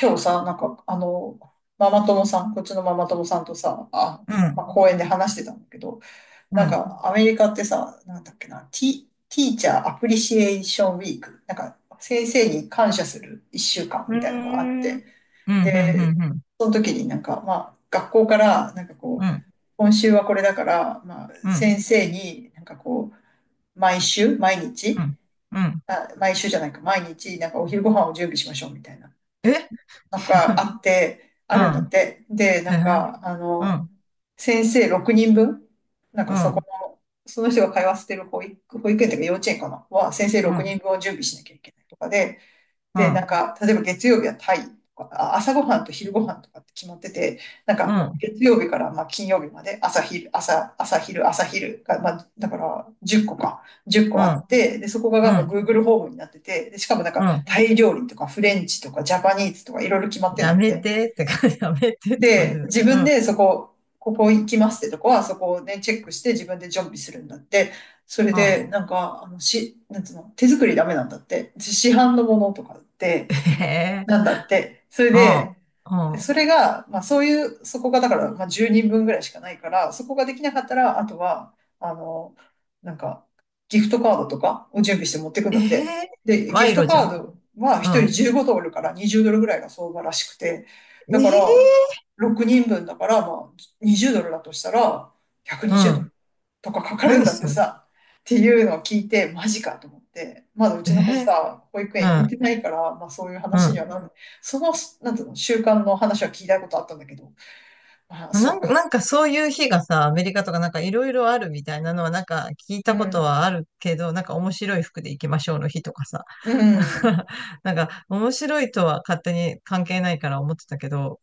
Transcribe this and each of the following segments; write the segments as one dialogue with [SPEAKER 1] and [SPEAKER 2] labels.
[SPEAKER 1] 今日さ、ママ友さん、こっちのママ友さんとさ、あ、
[SPEAKER 2] う
[SPEAKER 1] ま
[SPEAKER 2] ん、
[SPEAKER 1] あ、公園で話してたんだけど、
[SPEAKER 2] うん、
[SPEAKER 1] アメリカってさ、なんだっけな、ティーチャーアプリシエーションウィーク、先生に感謝する1週間
[SPEAKER 2] うー
[SPEAKER 1] みたいなのがあっ
[SPEAKER 2] ん。うん、
[SPEAKER 1] て、
[SPEAKER 2] うん、
[SPEAKER 1] で、
[SPEAKER 2] うん、
[SPEAKER 1] その時になんか、まあ、学校から、なんかこ
[SPEAKER 2] う
[SPEAKER 1] う、
[SPEAKER 2] ん、
[SPEAKER 1] 今週はこれだから、まあ、
[SPEAKER 2] うん、うん、
[SPEAKER 1] 先生になんかこう、毎
[SPEAKER 2] う
[SPEAKER 1] 日、
[SPEAKER 2] ん、うん、
[SPEAKER 1] あ、毎週じゃないか、毎日、なんかお昼ご飯を準備しましょうみたいな。
[SPEAKER 2] え
[SPEAKER 1] なんかあって、あ
[SPEAKER 2] う
[SPEAKER 1] るんだっ
[SPEAKER 2] ん、
[SPEAKER 1] て。で、
[SPEAKER 2] へえうん、
[SPEAKER 1] 先生6人分、なん
[SPEAKER 2] う
[SPEAKER 1] かそこ
[SPEAKER 2] ん、
[SPEAKER 1] の、その人が通わせてる保育園というか幼稚園かなは、先生
[SPEAKER 2] う
[SPEAKER 1] 6
[SPEAKER 2] ん、
[SPEAKER 1] 人分を準備しなきゃいけないとかで、
[SPEAKER 2] う
[SPEAKER 1] で、
[SPEAKER 2] ん、
[SPEAKER 1] 例えば月曜日はタイとか、あ、朝ごはんと昼ごはんとかって決まってて、
[SPEAKER 2] うん、
[SPEAKER 1] 月曜日からまあ金曜日まで朝昼が、まあ、だから10個か、10
[SPEAKER 2] う
[SPEAKER 1] 個あ
[SPEAKER 2] ん、
[SPEAKER 1] って、で、そこが
[SPEAKER 2] う
[SPEAKER 1] なんか
[SPEAKER 2] ん、
[SPEAKER 1] Google ホームになってて、で、しかもなん
[SPEAKER 2] う
[SPEAKER 1] か
[SPEAKER 2] ん、
[SPEAKER 1] タイ料理とかフレンチとかジャパニーズとかいろいろ決まってんだ
[SPEAKER 2] や
[SPEAKER 1] っ
[SPEAKER 2] め
[SPEAKER 1] て。
[SPEAKER 2] てって感じ、やめてって感じ
[SPEAKER 1] で、
[SPEAKER 2] だけ
[SPEAKER 1] 自
[SPEAKER 2] ど、う
[SPEAKER 1] 分
[SPEAKER 2] ん、
[SPEAKER 1] でここ行きますってとこは、そこをね、チェックして自分で準備するんだって。それ
[SPEAKER 2] うん、
[SPEAKER 1] で、なんつうの、手作りダメなんだって。市販のものとかって、
[SPEAKER 2] え
[SPEAKER 1] なん
[SPEAKER 2] え
[SPEAKER 1] だって。それ
[SPEAKER 2] うん、
[SPEAKER 1] で、
[SPEAKER 2] うん、
[SPEAKER 1] それが、まあそういう、そこがだから、まあ10人分ぐらいしかないから、そこができなかったら、あとは、なんか、ギフトカードとかを準備して持ってくん
[SPEAKER 2] え
[SPEAKER 1] だって。
[SPEAKER 2] へ、
[SPEAKER 1] で、ギフ
[SPEAKER 2] 賄
[SPEAKER 1] ト
[SPEAKER 2] 賂じゃ
[SPEAKER 1] カ
[SPEAKER 2] ん、
[SPEAKER 1] ードは
[SPEAKER 2] う
[SPEAKER 1] 1人
[SPEAKER 2] ん、
[SPEAKER 1] 15ドルから20ドルぐらいが相場らしくて、だか
[SPEAKER 2] え
[SPEAKER 1] ら、
[SPEAKER 2] え
[SPEAKER 1] 6人分だから、まあ20ドルだとしたら、
[SPEAKER 2] う
[SPEAKER 1] 120ド
[SPEAKER 2] ん、
[SPEAKER 1] ル。とかかかるん
[SPEAKER 2] 何
[SPEAKER 1] だって
[SPEAKER 2] すんの？
[SPEAKER 1] さ、っていうのを聞いて、マジかと思って、まだう
[SPEAKER 2] え
[SPEAKER 1] ちの子
[SPEAKER 2] え
[SPEAKER 1] さ、保育
[SPEAKER 2] う
[SPEAKER 1] 園入
[SPEAKER 2] ん、
[SPEAKER 1] れてないから、まあそういう
[SPEAKER 2] う
[SPEAKER 1] 話に
[SPEAKER 2] ん、
[SPEAKER 1] はなる。その、なんていうの、習慣の話は聞いたことあったんだけど、まあそ
[SPEAKER 2] な
[SPEAKER 1] う
[SPEAKER 2] んか、な
[SPEAKER 1] か。
[SPEAKER 2] んかそういう日がさ、アメリカとかなんかいろいろあるみたいなのはなんか聞い
[SPEAKER 1] う
[SPEAKER 2] たこと
[SPEAKER 1] ん。
[SPEAKER 2] はあるけど、なんか面白い服で行きましょうの日とかさ、
[SPEAKER 1] う
[SPEAKER 2] なん
[SPEAKER 1] ん。
[SPEAKER 2] か、なんか面白いとは勝手に関係ないから思ってたけど、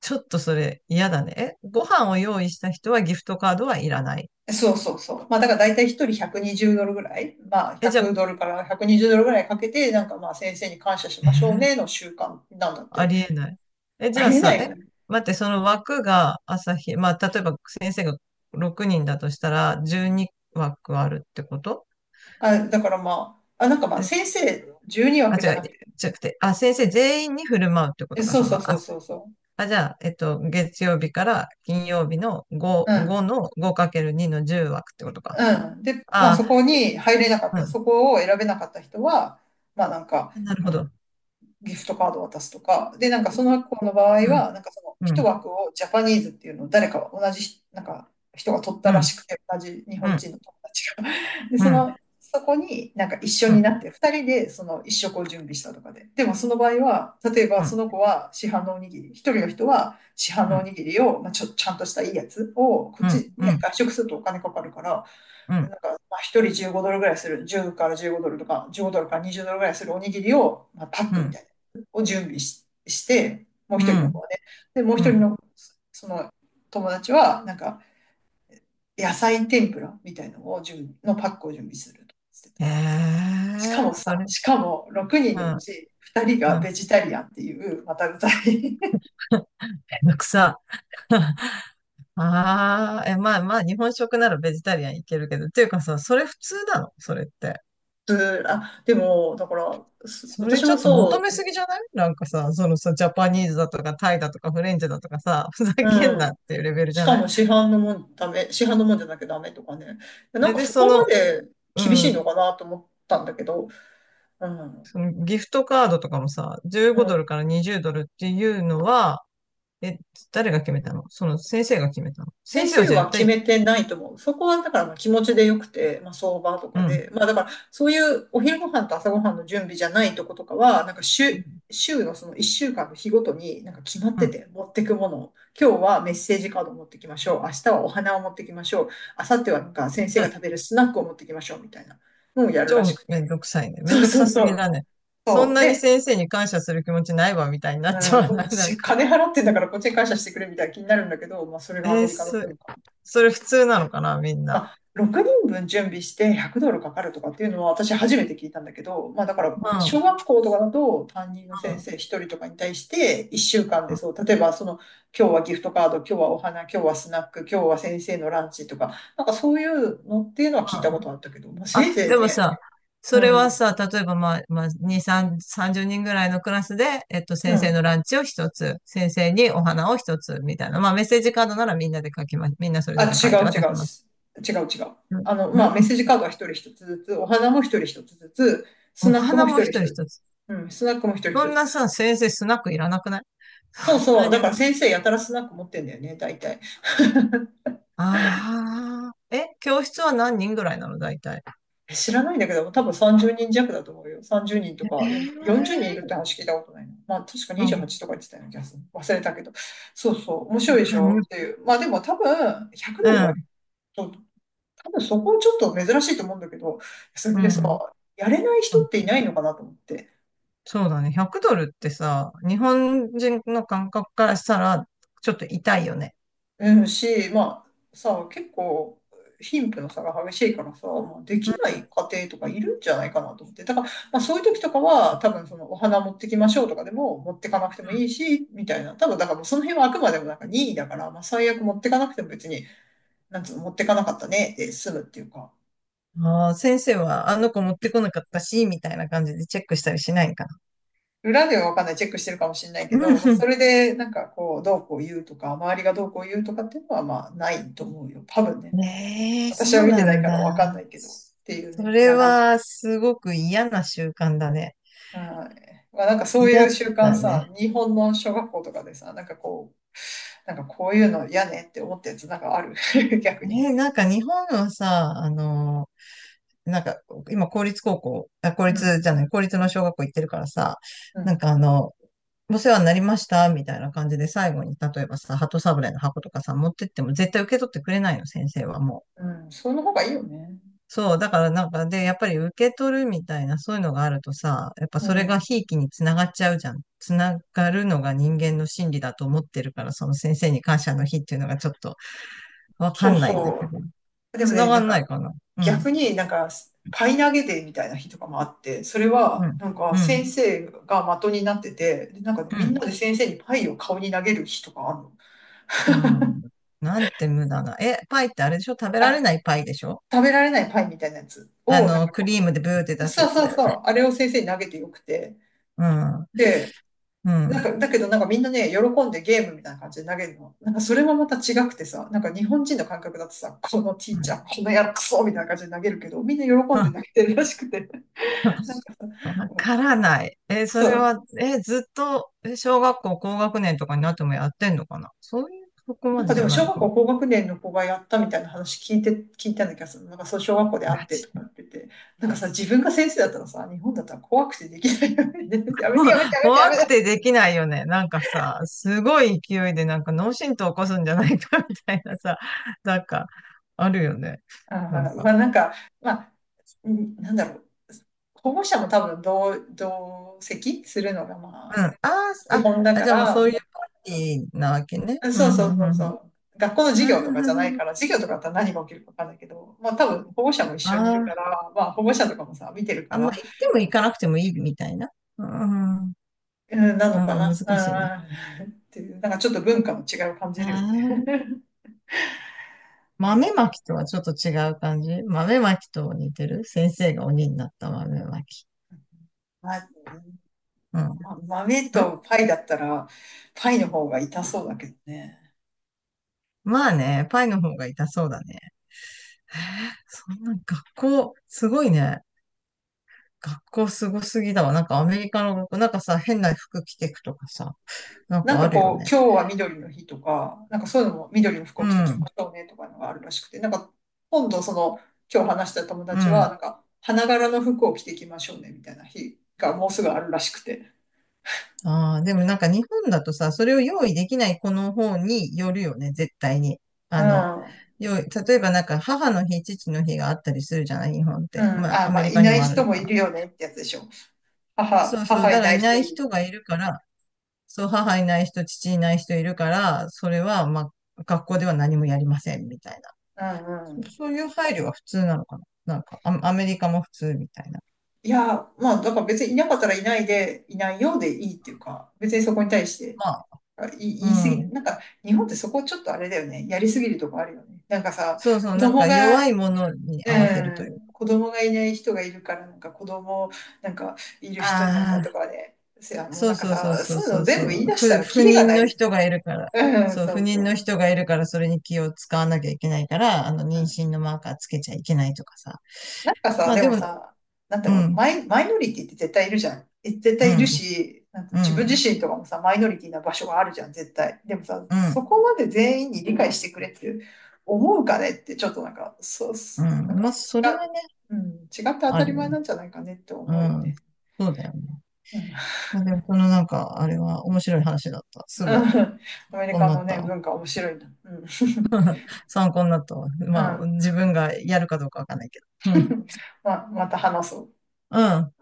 [SPEAKER 2] ちょっとそれ嫌だね。え、ご飯を用意した人はギフトカードはいらない？
[SPEAKER 1] そうそうそう。まあだから大体一人120ドルぐらい、まあ
[SPEAKER 2] え、じゃ
[SPEAKER 1] 100
[SPEAKER 2] あ、
[SPEAKER 1] ドルから120ドルぐらいかけて、なんかまあ先生に感謝し
[SPEAKER 2] え
[SPEAKER 1] ましょう
[SPEAKER 2] ー
[SPEAKER 1] ねの習慣なんだっ
[SPEAKER 2] あ
[SPEAKER 1] て。
[SPEAKER 2] りえない。え、
[SPEAKER 1] あ
[SPEAKER 2] じゃ
[SPEAKER 1] り
[SPEAKER 2] あ
[SPEAKER 1] えな
[SPEAKER 2] さ、
[SPEAKER 1] い
[SPEAKER 2] え、
[SPEAKER 1] よね。
[SPEAKER 2] 待って、その枠が朝日、まあ例えば先生が6人だとしたら12枠あるってこと？
[SPEAKER 1] あ、だからまあ、あ、なんかまあ先生12
[SPEAKER 2] あ、
[SPEAKER 1] 枠じ
[SPEAKER 2] 違
[SPEAKER 1] ゃ
[SPEAKER 2] う、
[SPEAKER 1] なくて、
[SPEAKER 2] 違くて、あ、先生全員に振る舞うってこ
[SPEAKER 1] え、
[SPEAKER 2] とか、
[SPEAKER 1] そう
[SPEAKER 2] その、
[SPEAKER 1] そうそ
[SPEAKER 2] あ、
[SPEAKER 1] うそうそ
[SPEAKER 2] あ、じゃあ、月曜日から金曜日の5、
[SPEAKER 1] う。う
[SPEAKER 2] 5
[SPEAKER 1] ん。
[SPEAKER 2] の 5×2 の10枠ってことか。
[SPEAKER 1] うん。で、まあ
[SPEAKER 2] あ
[SPEAKER 1] そこに入れなかった、
[SPEAKER 2] あ、
[SPEAKER 1] そこを選べなかった人は、まあなんか、
[SPEAKER 2] うん、なる
[SPEAKER 1] あ
[SPEAKER 2] ほ
[SPEAKER 1] の、
[SPEAKER 2] ど。
[SPEAKER 1] ギフトカードを渡すとか、で、その子の場合
[SPEAKER 2] うん、
[SPEAKER 1] は、その
[SPEAKER 2] う
[SPEAKER 1] 一
[SPEAKER 2] ん、
[SPEAKER 1] 枠をジャパニーズっていうのを誰か同じなんか人が取っ
[SPEAKER 2] う
[SPEAKER 1] た
[SPEAKER 2] ん、う
[SPEAKER 1] ら
[SPEAKER 2] ん、
[SPEAKER 1] しくて、同じ日
[SPEAKER 2] う
[SPEAKER 1] 本
[SPEAKER 2] ん、
[SPEAKER 1] 人の友達が。で、
[SPEAKER 2] う
[SPEAKER 1] そ
[SPEAKER 2] ん、
[SPEAKER 1] の、そこに一緒
[SPEAKER 2] う
[SPEAKER 1] にな
[SPEAKER 2] ん、
[SPEAKER 1] って、2人でその一食を準備したとかで。でもその場合は、例え
[SPEAKER 2] う
[SPEAKER 1] ばそ
[SPEAKER 2] ん、
[SPEAKER 1] の子は市販のおにぎり、一人の人は市販
[SPEAKER 2] う
[SPEAKER 1] のお
[SPEAKER 2] ん、
[SPEAKER 1] にぎりを、まあ、ちゃんとしたいいやつを、こっ
[SPEAKER 2] うん、
[SPEAKER 1] ち
[SPEAKER 2] う
[SPEAKER 1] ね、
[SPEAKER 2] ん、
[SPEAKER 1] 外食するとお金かかるから、
[SPEAKER 2] うん、
[SPEAKER 1] まあ、一人15ドルぐらいする、10から15ドルとか、15ドルから20ドルぐらいするおにぎりを、まあ、パックみたいな、を準備し、して、もう
[SPEAKER 2] う
[SPEAKER 1] 一人の子
[SPEAKER 2] ん、
[SPEAKER 1] はね。で、もう
[SPEAKER 2] う
[SPEAKER 1] 一人
[SPEAKER 2] ん。
[SPEAKER 1] の、その友達は、野菜天ぷらみたいなのをのパックを準備するとかしてた。
[SPEAKER 2] へ
[SPEAKER 1] しか
[SPEAKER 2] え、
[SPEAKER 1] も
[SPEAKER 2] そ
[SPEAKER 1] さ、
[SPEAKER 2] れ、
[SPEAKER 1] しかも6人
[SPEAKER 2] う
[SPEAKER 1] のう
[SPEAKER 2] ん、
[SPEAKER 1] ち2人が
[SPEAKER 2] うん。
[SPEAKER 1] ベジタリアンっていう、また うざい。
[SPEAKER 2] めんどくさ。ああ、え、まあまあ、日本食ならベジタリアンいけるけど、っていうかさ、それ普通なのそれって？
[SPEAKER 1] あ、でも、だから、
[SPEAKER 2] それ
[SPEAKER 1] 私
[SPEAKER 2] ち
[SPEAKER 1] も
[SPEAKER 2] ょっと求
[SPEAKER 1] そ
[SPEAKER 2] めすぎじゃないなんかさ、そのさ、ジャパニーズだとかタイだとかフレンチだとかさ、ふざ
[SPEAKER 1] う、
[SPEAKER 2] けんな
[SPEAKER 1] う
[SPEAKER 2] っ
[SPEAKER 1] ん。
[SPEAKER 2] ていうレベルじ
[SPEAKER 1] し
[SPEAKER 2] ゃ
[SPEAKER 1] か
[SPEAKER 2] ない？
[SPEAKER 1] も市販のもんじゃなきゃダメとかね。なん
[SPEAKER 2] え
[SPEAKER 1] か
[SPEAKER 2] で、
[SPEAKER 1] そ
[SPEAKER 2] そ
[SPEAKER 1] こま
[SPEAKER 2] の、
[SPEAKER 1] で
[SPEAKER 2] う
[SPEAKER 1] 厳しい
[SPEAKER 2] ん、
[SPEAKER 1] のかなと思ったんだけど、うん、
[SPEAKER 2] そのギフトカードとかもさ、
[SPEAKER 1] う
[SPEAKER 2] 15ドル
[SPEAKER 1] ん。
[SPEAKER 2] から20ドルっていうのは、え、誰が決めたの？その先生が決めたの？先
[SPEAKER 1] 先
[SPEAKER 2] 生は
[SPEAKER 1] 生
[SPEAKER 2] じゃあ一
[SPEAKER 1] は決
[SPEAKER 2] 体、
[SPEAKER 1] めてないと思う。そこはだからまあ気持ちでよくて、まあ相場と
[SPEAKER 2] う
[SPEAKER 1] か
[SPEAKER 2] ん、
[SPEAKER 1] で、まあだからそういうお昼ご飯と朝ご飯の準備じゃないとことかは、
[SPEAKER 2] う
[SPEAKER 1] 週のその1週間の日ごとになんか決まって
[SPEAKER 2] ん、
[SPEAKER 1] て持ってくものを。今日はメッセージカードを持ってきましょう。明日はお花を持ってきましょう。明後日はなんか先生が食べるスナックを持ってきましょうみたいなのをやるらし
[SPEAKER 2] 超
[SPEAKER 1] く
[SPEAKER 2] めん
[SPEAKER 1] て。
[SPEAKER 2] どくさいね。め
[SPEAKER 1] そ
[SPEAKER 2] ん
[SPEAKER 1] う
[SPEAKER 2] どく
[SPEAKER 1] そう
[SPEAKER 2] さす
[SPEAKER 1] そ
[SPEAKER 2] ぎ
[SPEAKER 1] う。
[SPEAKER 2] だね。そ
[SPEAKER 1] そ
[SPEAKER 2] ん
[SPEAKER 1] う
[SPEAKER 2] なに
[SPEAKER 1] で、
[SPEAKER 2] 先生に感謝する気持ちないわ、みたいになっち
[SPEAKER 1] う
[SPEAKER 2] ゃ
[SPEAKER 1] ん、
[SPEAKER 2] わ
[SPEAKER 1] こ
[SPEAKER 2] な
[SPEAKER 1] っ
[SPEAKER 2] い？ なん
[SPEAKER 1] ち、
[SPEAKER 2] か、
[SPEAKER 1] 金払ってんだからこっちに感謝してくれみたいな気になるんだけど、まあ、それがア
[SPEAKER 2] え
[SPEAKER 1] メ
[SPEAKER 2] ー
[SPEAKER 1] リカの
[SPEAKER 2] そ、
[SPEAKER 1] 文化。
[SPEAKER 2] それ普通なのかなみんな。
[SPEAKER 1] まあ、6人分準備して100ドルかかるとかっていうのは私初めて聞いたんだけど、まあ、だから
[SPEAKER 2] う
[SPEAKER 1] 僕
[SPEAKER 2] ん、う
[SPEAKER 1] 小
[SPEAKER 2] ん、
[SPEAKER 1] 学校とかだと担任の
[SPEAKER 2] う
[SPEAKER 1] 先
[SPEAKER 2] ん。
[SPEAKER 1] 生1人とかに対して1週間でそう、例えばその今日はギフトカード、今日はお花、今日はスナック、今日は先生のランチとか、なんかそういうのっていうのは聞
[SPEAKER 2] う
[SPEAKER 1] いたこ
[SPEAKER 2] ん
[SPEAKER 1] とあったけど、まあ、せ
[SPEAKER 2] あ、
[SPEAKER 1] いぜい
[SPEAKER 2] でも
[SPEAKER 1] ね、
[SPEAKER 2] さ、
[SPEAKER 1] う
[SPEAKER 2] それは
[SPEAKER 1] ん、
[SPEAKER 2] さ、例えばまあ、2、3、30人ぐらいのクラスで、
[SPEAKER 1] う
[SPEAKER 2] 先生
[SPEAKER 1] ん。
[SPEAKER 2] のランチを一つ、先生にお花を一つ、みたいな。まあ、メッセージカードならみんなで書きます。みんなそれぞ
[SPEAKER 1] あ、
[SPEAKER 2] れ書いて、私も。
[SPEAKER 1] 違う違う。
[SPEAKER 2] う
[SPEAKER 1] あの、
[SPEAKER 2] ん、
[SPEAKER 1] まあ、メッ
[SPEAKER 2] ん
[SPEAKER 1] セージカードは一人一つずつ、お花も一人一つずつ、ス
[SPEAKER 2] お
[SPEAKER 1] ナック
[SPEAKER 2] 花
[SPEAKER 1] も一
[SPEAKER 2] も
[SPEAKER 1] 人
[SPEAKER 2] 一
[SPEAKER 1] 一
[SPEAKER 2] 人
[SPEAKER 1] つ。
[SPEAKER 2] 一つ。
[SPEAKER 1] うん、スナックも一人一
[SPEAKER 2] そん
[SPEAKER 1] つ。
[SPEAKER 2] なさ、先生スナックいらなくない？
[SPEAKER 1] そう
[SPEAKER 2] そん
[SPEAKER 1] そ
[SPEAKER 2] な
[SPEAKER 1] う。
[SPEAKER 2] に。
[SPEAKER 1] だ
[SPEAKER 2] あ
[SPEAKER 1] から先生やたらスナック持ってんだよね、大体。
[SPEAKER 2] あ、え、教室は何人ぐらいなの、大体？
[SPEAKER 1] 知らないんだけど、多分30人弱だと思うよ。30人と
[SPEAKER 2] え
[SPEAKER 1] かよ、40人い
[SPEAKER 2] ー、
[SPEAKER 1] るって話聞いたことないな。まあ、確か
[SPEAKER 2] うん、
[SPEAKER 1] 28とか言ってたような気がする。忘れたけど。そうそう。面白いでし
[SPEAKER 2] い
[SPEAKER 1] ょっていう。まあ、でも多分、100ド
[SPEAKER 2] う
[SPEAKER 1] ルは
[SPEAKER 2] ん、
[SPEAKER 1] 多分そこはちょっと珍しいと思うんだけど、それ
[SPEAKER 2] う
[SPEAKER 1] でさ、
[SPEAKER 2] ん。
[SPEAKER 1] やれない人っていないのかなと思って。
[SPEAKER 2] そうだね。100ドルってさ、日本人の感覚からしたら、ちょっと痛いよね。
[SPEAKER 1] うんし、まあさ、結構貧富の差が激しいからさ、まあで
[SPEAKER 2] う
[SPEAKER 1] きない
[SPEAKER 2] ん
[SPEAKER 1] 家庭とかいるんじゃないかなと思って。だから、まあ、そういう時とかは、多分そのお花持ってきましょうとかでも持ってかなくてもいいし、みたいな。多分だからもうその辺はあくまでもなんか任意だから、まあ最悪持ってかなくても別に、なんつうの、持ってかなかったねで済むっていうか。
[SPEAKER 2] ああ、先生はあの子持ってこなかったし、みたいな感じでチェックしたりしないんか
[SPEAKER 1] 裏ではわかんない、チェックしてるかもしれないけ
[SPEAKER 2] な。う
[SPEAKER 1] ど、まあ、そ
[SPEAKER 2] ん
[SPEAKER 1] れでどうこう言うとか、周りがどうこう言うとかっていうのはまあないと思うよ。多分
[SPEAKER 2] う
[SPEAKER 1] ね。
[SPEAKER 2] ん。ねえ、そ
[SPEAKER 1] 私は
[SPEAKER 2] う
[SPEAKER 1] 見
[SPEAKER 2] な
[SPEAKER 1] てない
[SPEAKER 2] ん
[SPEAKER 1] からわかん
[SPEAKER 2] だ。
[SPEAKER 1] ないけど、っていう
[SPEAKER 2] そ
[SPEAKER 1] ね。い
[SPEAKER 2] れ
[SPEAKER 1] や、
[SPEAKER 2] はすごく嫌な習慣だね。
[SPEAKER 1] はい、まあ、そうい
[SPEAKER 2] 嫌
[SPEAKER 1] う習慣
[SPEAKER 2] だ
[SPEAKER 1] さ、
[SPEAKER 2] ね。
[SPEAKER 1] 日本の小学校とかでさ、こういうの嫌ねって思ったやつなんかある。逆に。
[SPEAKER 2] えー、なんか日本はさ、あの、なんか、今、公立高校、あ、公
[SPEAKER 1] う
[SPEAKER 2] 立
[SPEAKER 1] ん。
[SPEAKER 2] じゃない、公立の小学校行ってるからさ、
[SPEAKER 1] う
[SPEAKER 2] なん
[SPEAKER 1] ん。
[SPEAKER 2] かあの、お世話になりました、みたいな感じで最後に、例えばさ、鳩サブレーの箱とかさ、持ってっても絶対受け取ってくれないの、先生はもう。
[SPEAKER 1] うん。その方がいいよね。
[SPEAKER 2] そう、だからなんか、で、やっぱり受け取るみたいな、そういうのがあるとさ、やっぱ
[SPEAKER 1] う
[SPEAKER 2] それが
[SPEAKER 1] ん。
[SPEAKER 2] ひいきにつながっちゃうじゃん。つながるのが人間の心理だと思ってるから、その先生に感謝の日っていうのがちょっとわか
[SPEAKER 1] そう
[SPEAKER 2] んないんだ
[SPEAKER 1] そ
[SPEAKER 2] けど。
[SPEAKER 1] う。でも
[SPEAKER 2] つな
[SPEAKER 1] ね、
[SPEAKER 2] がんないかな。うん、
[SPEAKER 1] 逆になんかパイ投げデーみたいな日とかもあって、それ
[SPEAKER 2] う
[SPEAKER 1] は
[SPEAKER 2] ん、
[SPEAKER 1] なんか
[SPEAKER 2] う
[SPEAKER 1] 先
[SPEAKER 2] ん、
[SPEAKER 1] 生が的になってて、でなんか
[SPEAKER 2] う
[SPEAKER 1] みんな
[SPEAKER 2] ん。
[SPEAKER 1] で先生にパイを顔に投げる日とかあるの。
[SPEAKER 2] うん。なんて無駄な。え、パイってあれでしょ？食べられないパイでしょ？
[SPEAKER 1] 食べられないパイみたいなやつ
[SPEAKER 2] あ
[SPEAKER 1] を、なん
[SPEAKER 2] の、
[SPEAKER 1] か
[SPEAKER 2] クリームでブーって出す
[SPEAKER 1] さあ
[SPEAKER 2] やつ
[SPEAKER 1] さあ
[SPEAKER 2] だよ
[SPEAKER 1] さ
[SPEAKER 2] ね。
[SPEAKER 1] あ、あれを先生に投げてよくて。
[SPEAKER 2] うん。う
[SPEAKER 1] で、
[SPEAKER 2] ん。
[SPEAKER 1] だけどなんかみんなね、喜んでゲームみたいな感じで投げるの。なんかそれもまた違くてさ、日本人の感覚だとさ、このテ
[SPEAKER 2] う
[SPEAKER 1] ィーチ
[SPEAKER 2] ん
[SPEAKER 1] ャー、このやるクソみたいな感じで投げるけど、みんな喜んで投げてるらしくて。
[SPEAKER 2] わ からない。え、そ
[SPEAKER 1] そ
[SPEAKER 2] れ
[SPEAKER 1] う、
[SPEAKER 2] は、え、ずっと、え小学校高学年とかになってもやってんのかな？そういう、そこ
[SPEAKER 1] な
[SPEAKER 2] ま
[SPEAKER 1] んか
[SPEAKER 2] で
[SPEAKER 1] で
[SPEAKER 2] じゃ
[SPEAKER 1] も
[SPEAKER 2] ない
[SPEAKER 1] 小
[SPEAKER 2] の
[SPEAKER 1] 学
[SPEAKER 2] かな？
[SPEAKER 1] 校高学年の子がやったみたいな話聞いて、聞いたんだけどさ、なんかそう小学校で会っ
[SPEAKER 2] マ
[SPEAKER 1] て
[SPEAKER 2] ジ
[SPEAKER 1] とか
[SPEAKER 2] で。
[SPEAKER 1] って言って、なんかさ、自分が先生だったらさ、日本だったら怖くてできないよね。やめてやめてや めてや
[SPEAKER 2] 怖く
[SPEAKER 1] めて。
[SPEAKER 2] てできないよね。なんかさ、すごい勢いでなんか脳震盪起こすんじゃないか みたいなさ、なんか、あるよね。
[SPEAKER 1] あ
[SPEAKER 2] なん
[SPEAKER 1] あ、まあ
[SPEAKER 2] か。
[SPEAKER 1] なんか、まあ、なんだろう。保護者も多分同席するのがま
[SPEAKER 2] うん。
[SPEAKER 1] あ、
[SPEAKER 2] ああ、
[SPEAKER 1] 基本だ
[SPEAKER 2] あ、
[SPEAKER 1] か
[SPEAKER 2] じゃあもうそう
[SPEAKER 1] ら、
[SPEAKER 2] いう
[SPEAKER 1] ま
[SPEAKER 2] パーティーなわけね。
[SPEAKER 1] あ
[SPEAKER 2] うん、
[SPEAKER 1] そう
[SPEAKER 2] う
[SPEAKER 1] そう
[SPEAKER 2] ん、
[SPEAKER 1] そう
[SPEAKER 2] うん、
[SPEAKER 1] そ
[SPEAKER 2] うん。
[SPEAKER 1] う。学校の授
[SPEAKER 2] うん
[SPEAKER 1] 業とかじゃな
[SPEAKER 2] う
[SPEAKER 1] い
[SPEAKER 2] んうん
[SPEAKER 1] から、授業とかだったら何が起きるかわかんないけど、まあ多分保護者も一
[SPEAKER 2] あ
[SPEAKER 1] 緒にいる
[SPEAKER 2] ー
[SPEAKER 1] か
[SPEAKER 2] あ、
[SPEAKER 1] ら、まあ保護者とかもさ、見てるか
[SPEAKER 2] あんまあ
[SPEAKER 1] ら、
[SPEAKER 2] 行っても行かなくてもいいみたいな。うん、うん、
[SPEAKER 1] うん、なのか
[SPEAKER 2] うん
[SPEAKER 1] な。
[SPEAKER 2] 難しいね。
[SPEAKER 1] うんうん。っていう、なんかちょっと文化の違いを感じ
[SPEAKER 2] あ
[SPEAKER 1] るよね。
[SPEAKER 2] あ、豆まきとはちょっと違う感じ？豆まきと似てる？先生が鬼になった豆まき。
[SPEAKER 1] まあ、
[SPEAKER 2] うん。
[SPEAKER 1] ま豆
[SPEAKER 2] ん
[SPEAKER 1] とパイだったら、パイの方が痛そうだけどね。
[SPEAKER 2] まあね、パイの方が痛そうだね。へえそんな学校、すごいね。学校すごすぎだわ。なんかアメリカの学校、なんかさ、変な服着てくとかさ、なん
[SPEAKER 1] なん
[SPEAKER 2] かあ
[SPEAKER 1] か
[SPEAKER 2] るよ
[SPEAKER 1] こう、
[SPEAKER 2] ね。
[SPEAKER 1] 今日は緑の日とか、なんかそういうのも緑の服
[SPEAKER 2] う
[SPEAKER 1] を着てきま
[SPEAKER 2] ん。
[SPEAKER 1] しょうねとかいうのがあるらしくて、なんか今度その、今日話した友
[SPEAKER 2] う
[SPEAKER 1] 達は、
[SPEAKER 2] ん。
[SPEAKER 1] なんか花柄の服を着てきましょうねみたいな日がもうすぐあるらしくて。
[SPEAKER 2] ああ、でもなんか日本だとさ、それを用意できない子の方によるよね、絶対に。
[SPEAKER 1] う
[SPEAKER 2] あの、
[SPEAKER 1] ん。
[SPEAKER 2] 用意、例えばなんか母の日、父の日があったりするじゃない、日本っ
[SPEAKER 1] う
[SPEAKER 2] て。
[SPEAKER 1] ん。
[SPEAKER 2] まあ、
[SPEAKER 1] あ、
[SPEAKER 2] ア
[SPEAKER 1] ま
[SPEAKER 2] メ
[SPEAKER 1] あ、
[SPEAKER 2] リ
[SPEAKER 1] い
[SPEAKER 2] カに
[SPEAKER 1] ない
[SPEAKER 2] もある
[SPEAKER 1] 人
[SPEAKER 2] の
[SPEAKER 1] も
[SPEAKER 2] か
[SPEAKER 1] い
[SPEAKER 2] な。
[SPEAKER 1] るよねってやつでしょ。
[SPEAKER 2] そうそう、だ
[SPEAKER 1] 母
[SPEAKER 2] か
[SPEAKER 1] い
[SPEAKER 2] ら
[SPEAKER 1] ない
[SPEAKER 2] いな
[SPEAKER 1] 人
[SPEAKER 2] い
[SPEAKER 1] いる。
[SPEAKER 2] 人がいるから、そう、母いない人、父いない人いるから、それは、まあ、学校では何もやりません、みたいな。
[SPEAKER 1] うんう
[SPEAKER 2] そ
[SPEAKER 1] ん。
[SPEAKER 2] そういう配慮が普通なのかな。なんか、アメリカも普通みたいな。
[SPEAKER 1] いや、まあ、だから別にいなかったらいないで、いないようでいいっていうか、別にそこに対して、
[SPEAKER 2] まあ、
[SPEAKER 1] あ、
[SPEAKER 2] う
[SPEAKER 1] 言い過ぎ、
[SPEAKER 2] ん。
[SPEAKER 1] なんか、日本ってそこちょっとあれだよね。やりすぎるとこあるよね。なんかさ、
[SPEAKER 2] そうそう、
[SPEAKER 1] 子
[SPEAKER 2] なん
[SPEAKER 1] 供
[SPEAKER 2] か
[SPEAKER 1] が、
[SPEAKER 2] 弱いものに
[SPEAKER 1] う
[SPEAKER 2] 合わせるという
[SPEAKER 1] ん、
[SPEAKER 2] か。
[SPEAKER 1] 子供がいない人がいるから、なんか子供、なんか、いる人になんか
[SPEAKER 2] あ
[SPEAKER 1] と
[SPEAKER 2] あ、
[SPEAKER 1] かね、せや、もう
[SPEAKER 2] そ
[SPEAKER 1] な
[SPEAKER 2] う
[SPEAKER 1] んか
[SPEAKER 2] そうそ
[SPEAKER 1] さ、
[SPEAKER 2] うそ
[SPEAKER 1] そ
[SPEAKER 2] う
[SPEAKER 1] ういう
[SPEAKER 2] そ
[SPEAKER 1] の
[SPEAKER 2] うそ
[SPEAKER 1] 全部
[SPEAKER 2] う。
[SPEAKER 1] 言い出した
[SPEAKER 2] 不、
[SPEAKER 1] ら
[SPEAKER 2] 不
[SPEAKER 1] キリが
[SPEAKER 2] 妊
[SPEAKER 1] ない
[SPEAKER 2] の
[SPEAKER 1] じ
[SPEAKER 2] 人がいるから。
[SPEAKER 1] ゃん。うん、
[SPEAKER 2] そう、
[SPEAKER 1] そ
[SPEAKER 2] 不
[SPEAKER 1] う
[SPEAKER 2] 妊
[SPEAKER 1] そ
[SPEAKER 2] の
[SPEAKER 1] う。
[SPEAKER 2] 人がいるから、それに気を使わなきゃいけないから、あの、妊娠のマーカーつけちゃいけないとかさ。
[SPEAKER 1] なんか
[SPEAKER 2] ま
[SPEAKER 1] さ、
[SPEAKER 2] あ、
[SPEAKER 1] で
[SPEAKER 2] で
[SPEAKER 1] も
[SPEAKER 2] も、
[SPEAKER 1] さ、なんだ
[SPEAKER 2] う
[SPEAKER 1] ろう、
[SPEAKER 2] ん、
[SPEAKER 1] マイノリティって絶対いるじゃん。え絶
[SPEAKER 2] う
[SPEAKER 1] 対いる
[SPEAKER 2] ん、
[SPEAKER 1] し、なんか
[SPEAKER 2] う
[SPEAKER 1] 自分
[SPEAKER 2] ん、
[SPEAKER 1] 自身とかもさ、マイノリティな場所があるじゃん、絶対。でもさ、
[SPEAKER 2] う
[SPEAKER 1] そ
[SPEAKER 2] ん、
[SPEAKER 1] こまで全員に理解してくれって思うかねって、ちょっとなんか、そう、
[SPEAKER 2] う
[SPEAKER 1] なん
[SPEAKER 2] ん。
[SPEAKER 1] か
[SPEAKER 2] まあ、それはね、
[SPEAKER 1] 違う、うん、違って当た
[SPEAKER 2] あ
[SPEAKER 1] り
[SPEAKER 2] るよ
[SPEAKER 1] 前
[SPEAKER 2] ね。
[SPEAKER 1] なんじゃないかねって
[SPEAKER 2] う
[SPEAKER 1] 思うよ
[SPEAKER 2] ん。
[SPEAKER 1] ね。
[SPEAKER 2] そうだよね。
[SPEAKER 1] うん、
[SPEAKER 2] まあ、でも、このなんか、あれは面白い話だった。
[SPEAKER 1] う
[SPEAKER 2] すごい、
[SPEAKER 1] んアメリ
[SPEAKER 2] こう
[SPEAKER 1] カ
[SPEAKER 2] な
[SPEAKER 1] の
[SPEAKER 2] った
[SPEAKER 1] ね、
[SPEAKER 2] わ。
[SPEAKER 1] 文化面白いな。うん、
[SPEAKER 2] 参考になったわ。
[SPEAKER 1] う
[SPEAKER 2] まあ、自分がやるかどうかわかんないけど。うん、
[SPEAKER 1] ん、ま、また話そう。
[SPEAKER 2] うん。